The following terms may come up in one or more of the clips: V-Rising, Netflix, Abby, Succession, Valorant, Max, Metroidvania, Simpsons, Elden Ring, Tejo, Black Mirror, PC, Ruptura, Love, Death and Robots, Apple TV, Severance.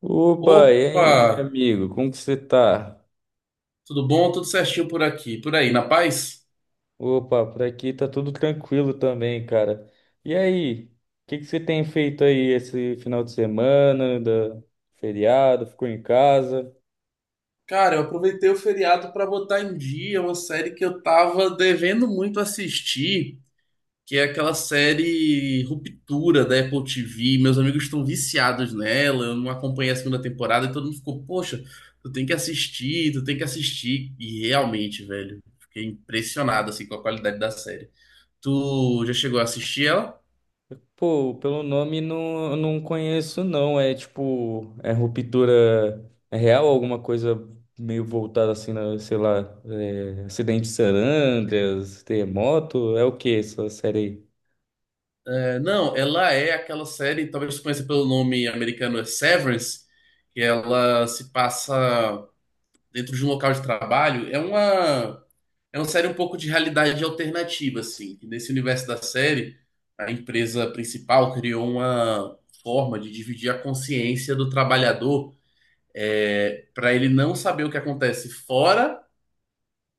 Opa, e Opa, aí, amigo? Como que você tá? tudo bom? Tudo certinho por aqui, por aí, na paz? Opa, por aqui tá tudo tranquilo também, cara. E aí, o que que você tem feito aí esse final de semana, da feriado? Ficou em casa? Cara, eu aproveitei o feriado para botar em dia uma série que eu tava devendo muito assistir, que é aquela série Ruptura da Apple TV. Meus amigos estão viciados nela, eu não acompanhei a segunda temporada e todo mundo ficou, poxa, tu tem que assistir. E realmente, velho, fiquei impressionado assim com a qualidade da série. Tu já chegou a assistir ela? Pô, pelo nome não, eu não conheço não. É tipo, é ruptura é real, alguma coisa meio voltada assim na, sei lá, acidente de Sarandras, terremoto, é o que essa série aí? É, não, ela é aquela série, talvez você conheça pelo nome americano, é Severance, que ela se passa dentro de um local de trabalho. É uma série um pouco de realidade alternativa, assim. Que Nesse universo da série, a empresa principal criou uma forma de dividir a consciência do trabalhador, para ele não saber o que acontece fora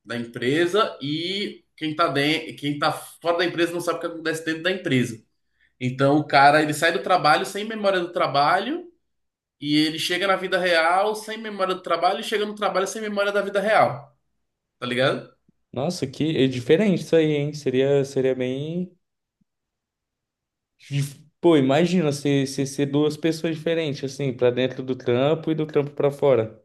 da empresa e quem está dentro, quem tá fora da empresa não sabe o que acontece dentro da empresa. Então o cara, ele sai do trabalho sem memória do trabalho e ele chega na vida real sem memória do trabalho e chega no trabalho sem memória da vida real, tá ligado? Nossa, que é diferente isso aí, hein? Seria bem. Pô, imagina ser duas pessoas diferentes, assim, pra dentro do trampo e do trampo pra fora.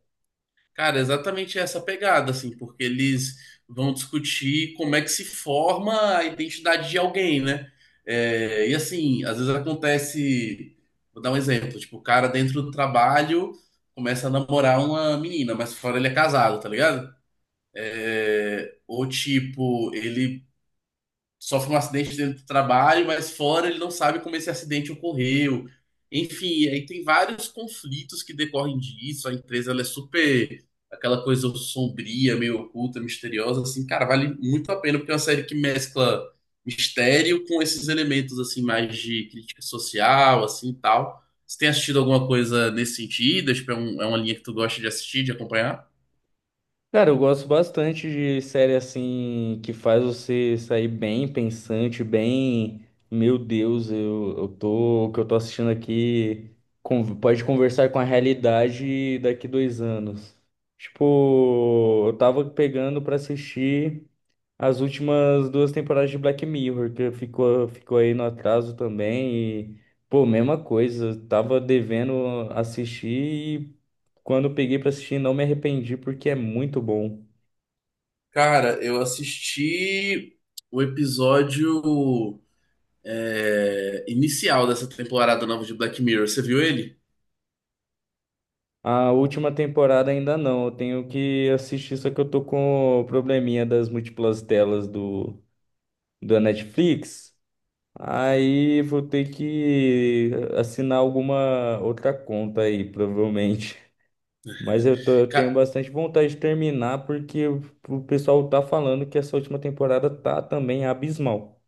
Cara, é exatamente essa pegada, assim, porque eles vão discutir como é que se forma a identidade de alguém, né? É, e assim, às vezes acontece, vou dar um exemplo, tipo, o cara dentro do trabalho começa a namorar uma menina, mas fora ele é casado, tá ligado? É, ou tipo, ele sofre um acidente dentro do trabalho, mas fora ele não sabe como esse acidente ocorreu. Enfim, aí tem vários conflitos que decorrem disso. A empresa ela é super aquela coisa sombria, meio oculta, misteriosa, assim, cara, vale muito a pena porque é uma série que mescla mistério com esses elementos assim mais de crítica social, assim, e tal. Você tem assistido alguma coisa nesse sentido? Tipo, é, é uma linha que tu gosta de assistir, de acompanhar? Cara, eu gosto bastante de série assim que faz você sair bem pensante, bem, meu Deus, eu tô, o que eu tô assistindo aqui pode conversar com a realidade daqui 2 anos. Tipo, eu tava pegando pra assistir as últimas duas temporadas de Black Mirror, que ficou aí no atraso também. E, pô, mesma coisa, tava devendo assistir e quando eu peguei pra assistir não me arrependi porque é muito bom. Cara, eu assisti o episódio inicial dessa temporada nova de Black Mirror. Você viu ele? A última temporada ainda não, eu tenho que assistir, só que eu tô com o probleminha das múltiplas telas da Netflix. Aí vou ter que assinar alguma outra conta aí, provavelmente. Mas eu tenho Ca- bastante vontade de terminar porque o pessoal tá falando que essa última temporada tá também abismal.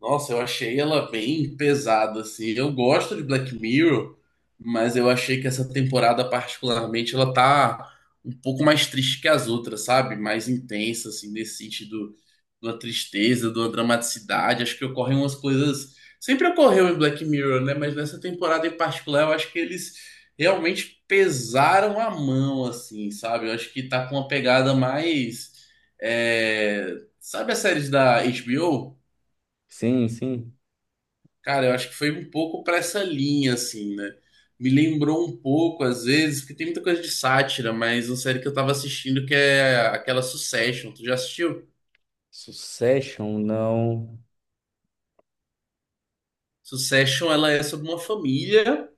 Nossa, eu achei ela bem pesada, assim. Eu gosto de Black Mirror, mas eu achei que essa temporada, particularmente, ela tá um pouco mais triste que as outras, sabe? Mais intensa, assim, nesse sentido de uma tristeza, de uma dramaticidade. Acho que ocorrem umas coisas. Sempre ocorreu em Black Mirror, né? Mas nessa temporada em particular, eu acho que eles realmente pesaram a mão, assim, sabe? Eu acho que tá com uma pegada mais. é, Sabe as séries da HBO? Sim, sim. Cara, eu acho que foi um pouco pra essa linha, assim, né? Me lembrou um pouco, às vezes, porque tem muita coisa de sátira, mas uma série que eu tava assistindo que é aquela Succession. Tu já assistiu? Succession, não. Succession, ela é sobre uma família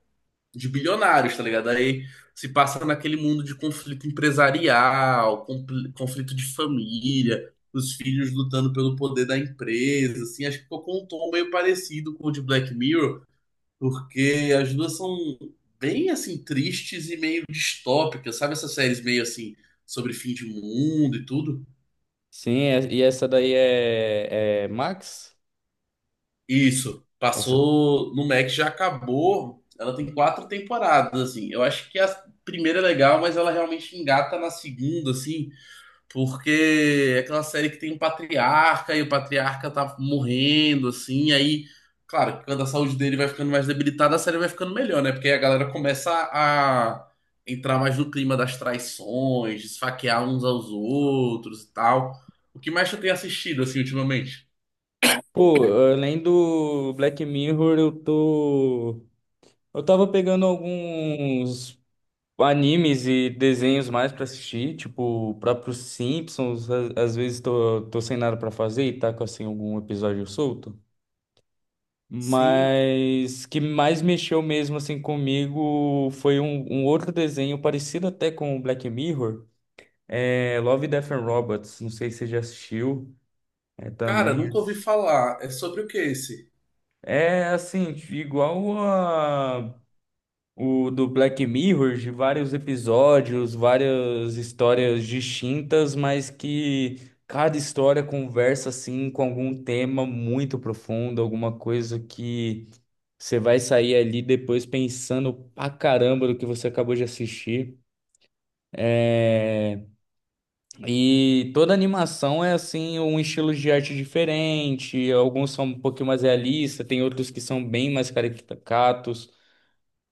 de bilionários, tá ligado? Aí se passa naquele mundo de conflito empresarial, conflito de família, os filhos lutando pelo poder da empresa, assim, acho que ficou com um tom meio parecido com o de Black Mirror, porque as duas são bem, assim, tristes e meio distópicas, sabe essas séries meio, assim, sobre fim de mundo e tudo? Sim, e essa daí é Max? Isso, Essa. passou no Max, já acabou. Ela tem quatro temporadas, assim. Eu acho que a primeira é legal, mas ela realmente engata na segunda, assim, porque é aquela série que tem um patriarca e o patriarca tá morrendo, assim. Aí, claro, quando a saúde dele vai ficando mais debilitada, a série vai ficando melhor, né? Porque aí a galera começa a entrar mais no clima das traições, esfaquear uns aos outros e tal. O que mais tu tem assistido, assim, ultimamente? Pô, além do Black Mirror, eu tô. Eu tava pegando alguns animes e desenhos mais pra assistir, tipo, o próprio Simpsons. Às vezes tô sem nada pra fazer e tá com assim algum episódio solto. Sim. Mas que mais mexeu mesmo assim comigo foi um outro desenho parecido até com o Black Mirror, é Love, Death and Robots. Não sei se você já assistiu. É Cara, também é nunca ouvi falar. É sobre o que esse? é, assim igual a, o do Black Mirror, de vários episódios, várias histórias distintas, mas que cada história conversa assim com algum tema muito profundo, alguma coisa que você vai sair ali depois pensando pra caramba do que você acabou de assistir. É, E toda animação é assim, um estilo de arte diferente. Alguns são um pouquinho mais realistas, tem outros que são bem mais caricatos.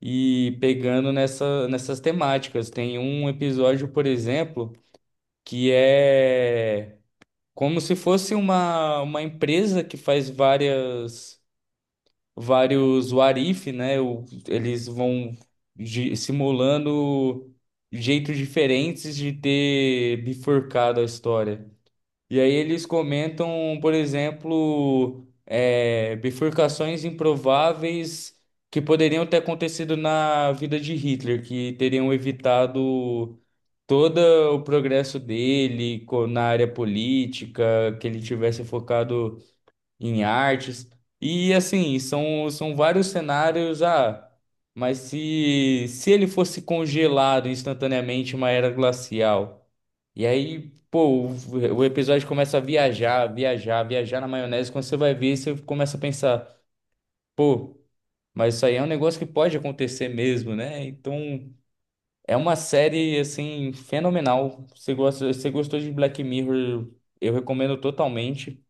E pegando nessa, nessas temáticas. Tem um episódio, por exemplo, que é como se fosse uma empresa que faz várias. Vários what if, né? Eles vão simulando jeitos diferentes de ter bifurcado a história. E aí eles comentam, por exemplo, bifurcações improváveis que poderiam ter acontecido na vida de Hitler, que teriam evitado todo o progresso dele na área política, que ele tivesse focado em artes. E assim, são vários cenários. Ah, mas se ele fosse congelado instantaneamente em uma era glacial? E aí, pô, o episódio começa a viajar, viajar, viajar na maionese. Quando você vai ver, você começa a pensar, pô, mas isso aí é um negócio que pode acontecer mesmo, né? Então, é uma série, assim, fenomenal. Você gosta, você gostou de Black Mirror? Eu recomendo totalmente.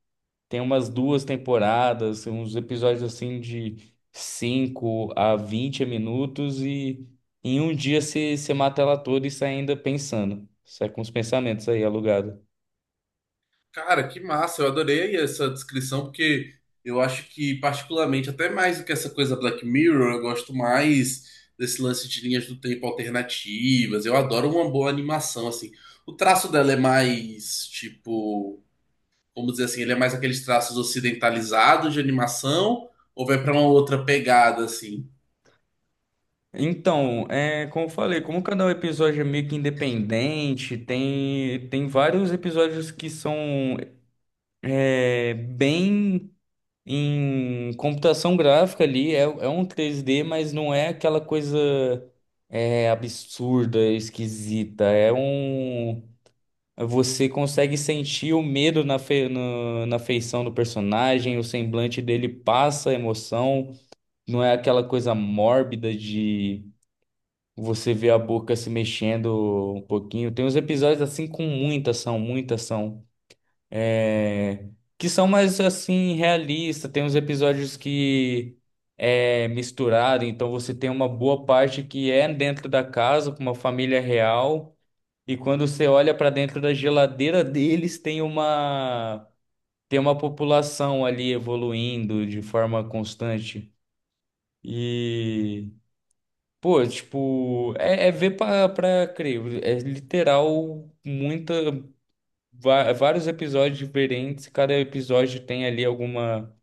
Tem umas duas temporadas, uns episódios assim de 5 a 20 minutos e em um dia você mata ela toda e sai ainda pensando. Sai com os pensamentos aí alugado. Cara, que massa. Eu adorei essa descrição, porque eu acho que, particularmente, até mais do que essa coisa Black Mirror, eu gosto mais desse lance de linhas do tempo alternativas. Eu adoro uma boa animação, assim. O traço dela é mais, tipo, vamos dizer assim, ele é mais aqueles traços ocidentalizados de animação, ou vai pra uma outra pegada, assim? Então, como eu falei, como cada episódio é meio que independente, tem vários episódios que são bem. Em computação gráfica ali é um 3D mas não é aquela coisa absurda, esquisita. É um. Você consegue sentir o medo na, fe... no- na feição do personagem, o semblante dele passa a emoção. Não é aquela coisa mórbida de você ver a boca se mexendo um pouquinho. Tem uns episódios assim com muita ação é, que são mais assim realistas. Tem uns episódios que é misturado, então você tem uma boa parte que é dentro da casa com uma família real e quando você olha para dentro da geladeira deles tem uma população ali evoluindo de forma constante e pô, tipo, é ver pra crer, é literal muita vários episódios diferentes, cada episódio tem ali alguma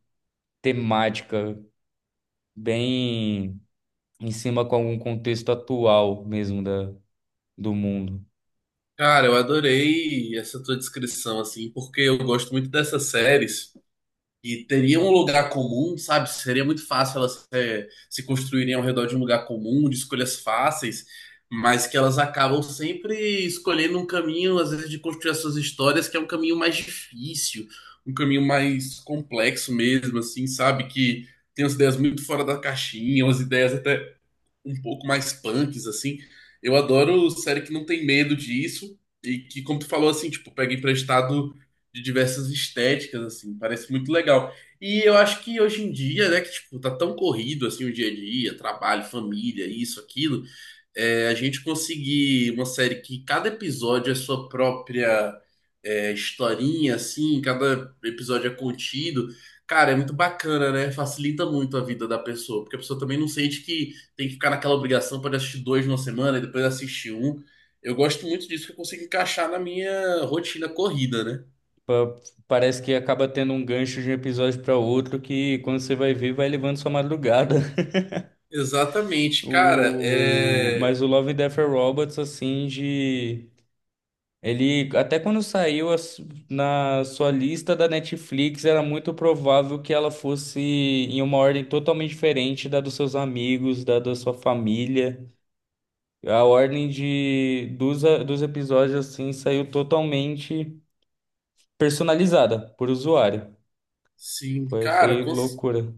temática bem em cima com algum contexto atual mesmo do mundo. Cara, eu adorei essa tua descrição, assim, porque eu gosto muito dessas séries. E teria um lugar comum, sabe? Seria muito fácil elas se construírem ao redor de um lugar comum, de escolhas fáceis, mas que elas acabam sempre escolhendo um caminho, às vezes, de construir as suas histórias, que é um caminho mais difícil, um caminho mais complexo mesmo, assim, sabe? Que tem umas ideias muito fora da caixinha, umas ideias até um pouco mais punks, assim. Eu adoro série que não tem medo disso e que, como tu falou, assim, tipo, pega emprestado de diversas estéticas, assim, parece muito legal. E eu acho que hoje em dia, né, que, tipo, tá tão corrido, assim, o dia a dia, trabalho, família, isso, aquilo, é, a gente conseguir uma série que cada episódio é sua própria historinha, assim, cada episódio é contido, cara, é muito bacana, né? Facilita muito a vida da pessoa, porque a pessoa também não sente que tem que ficar naquela obrigação para assistir dois numa semana e depois assistir um. Eu gosto muito disso que eu consigo encaixar na minha rotina corrida, né? Parece que acaba tendo um gancho de um episódio para outro que, quando você vai ver, vai levando sua madrugada. Exatamente, cara, O. é. Mas o Love, Death and Robots, assim, de Ele, até quando saiu a na sua lista da Netflix, era muito provável que ela fosse em uma ordem totalmente diferente da dos seus amigos, da sua família. A ordem dos episódios, assim, saiu totalmente personalizada por usuário. Sim, Foi, cara, foi com. loucura.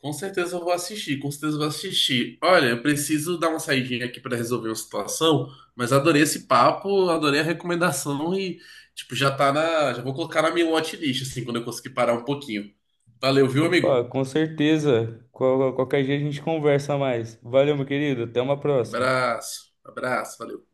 Com certeza eu vou assistir, com certeza eu vou assistir. Olha, eu preciso dar uma saidinha aqui para resolver uma situação, mas adorei esse papo, adorei a recomendação e, tipo, já tá na. Já vou colocar na minha watchlist, assim, quando eu conseguir parar um pouquinho. Valeu, viu, Opa, amigo? com certeza. Qualquer dia a gente conversa mais. Valeu, meu querido. Até uma próxima. Abraço, abraço, valeu.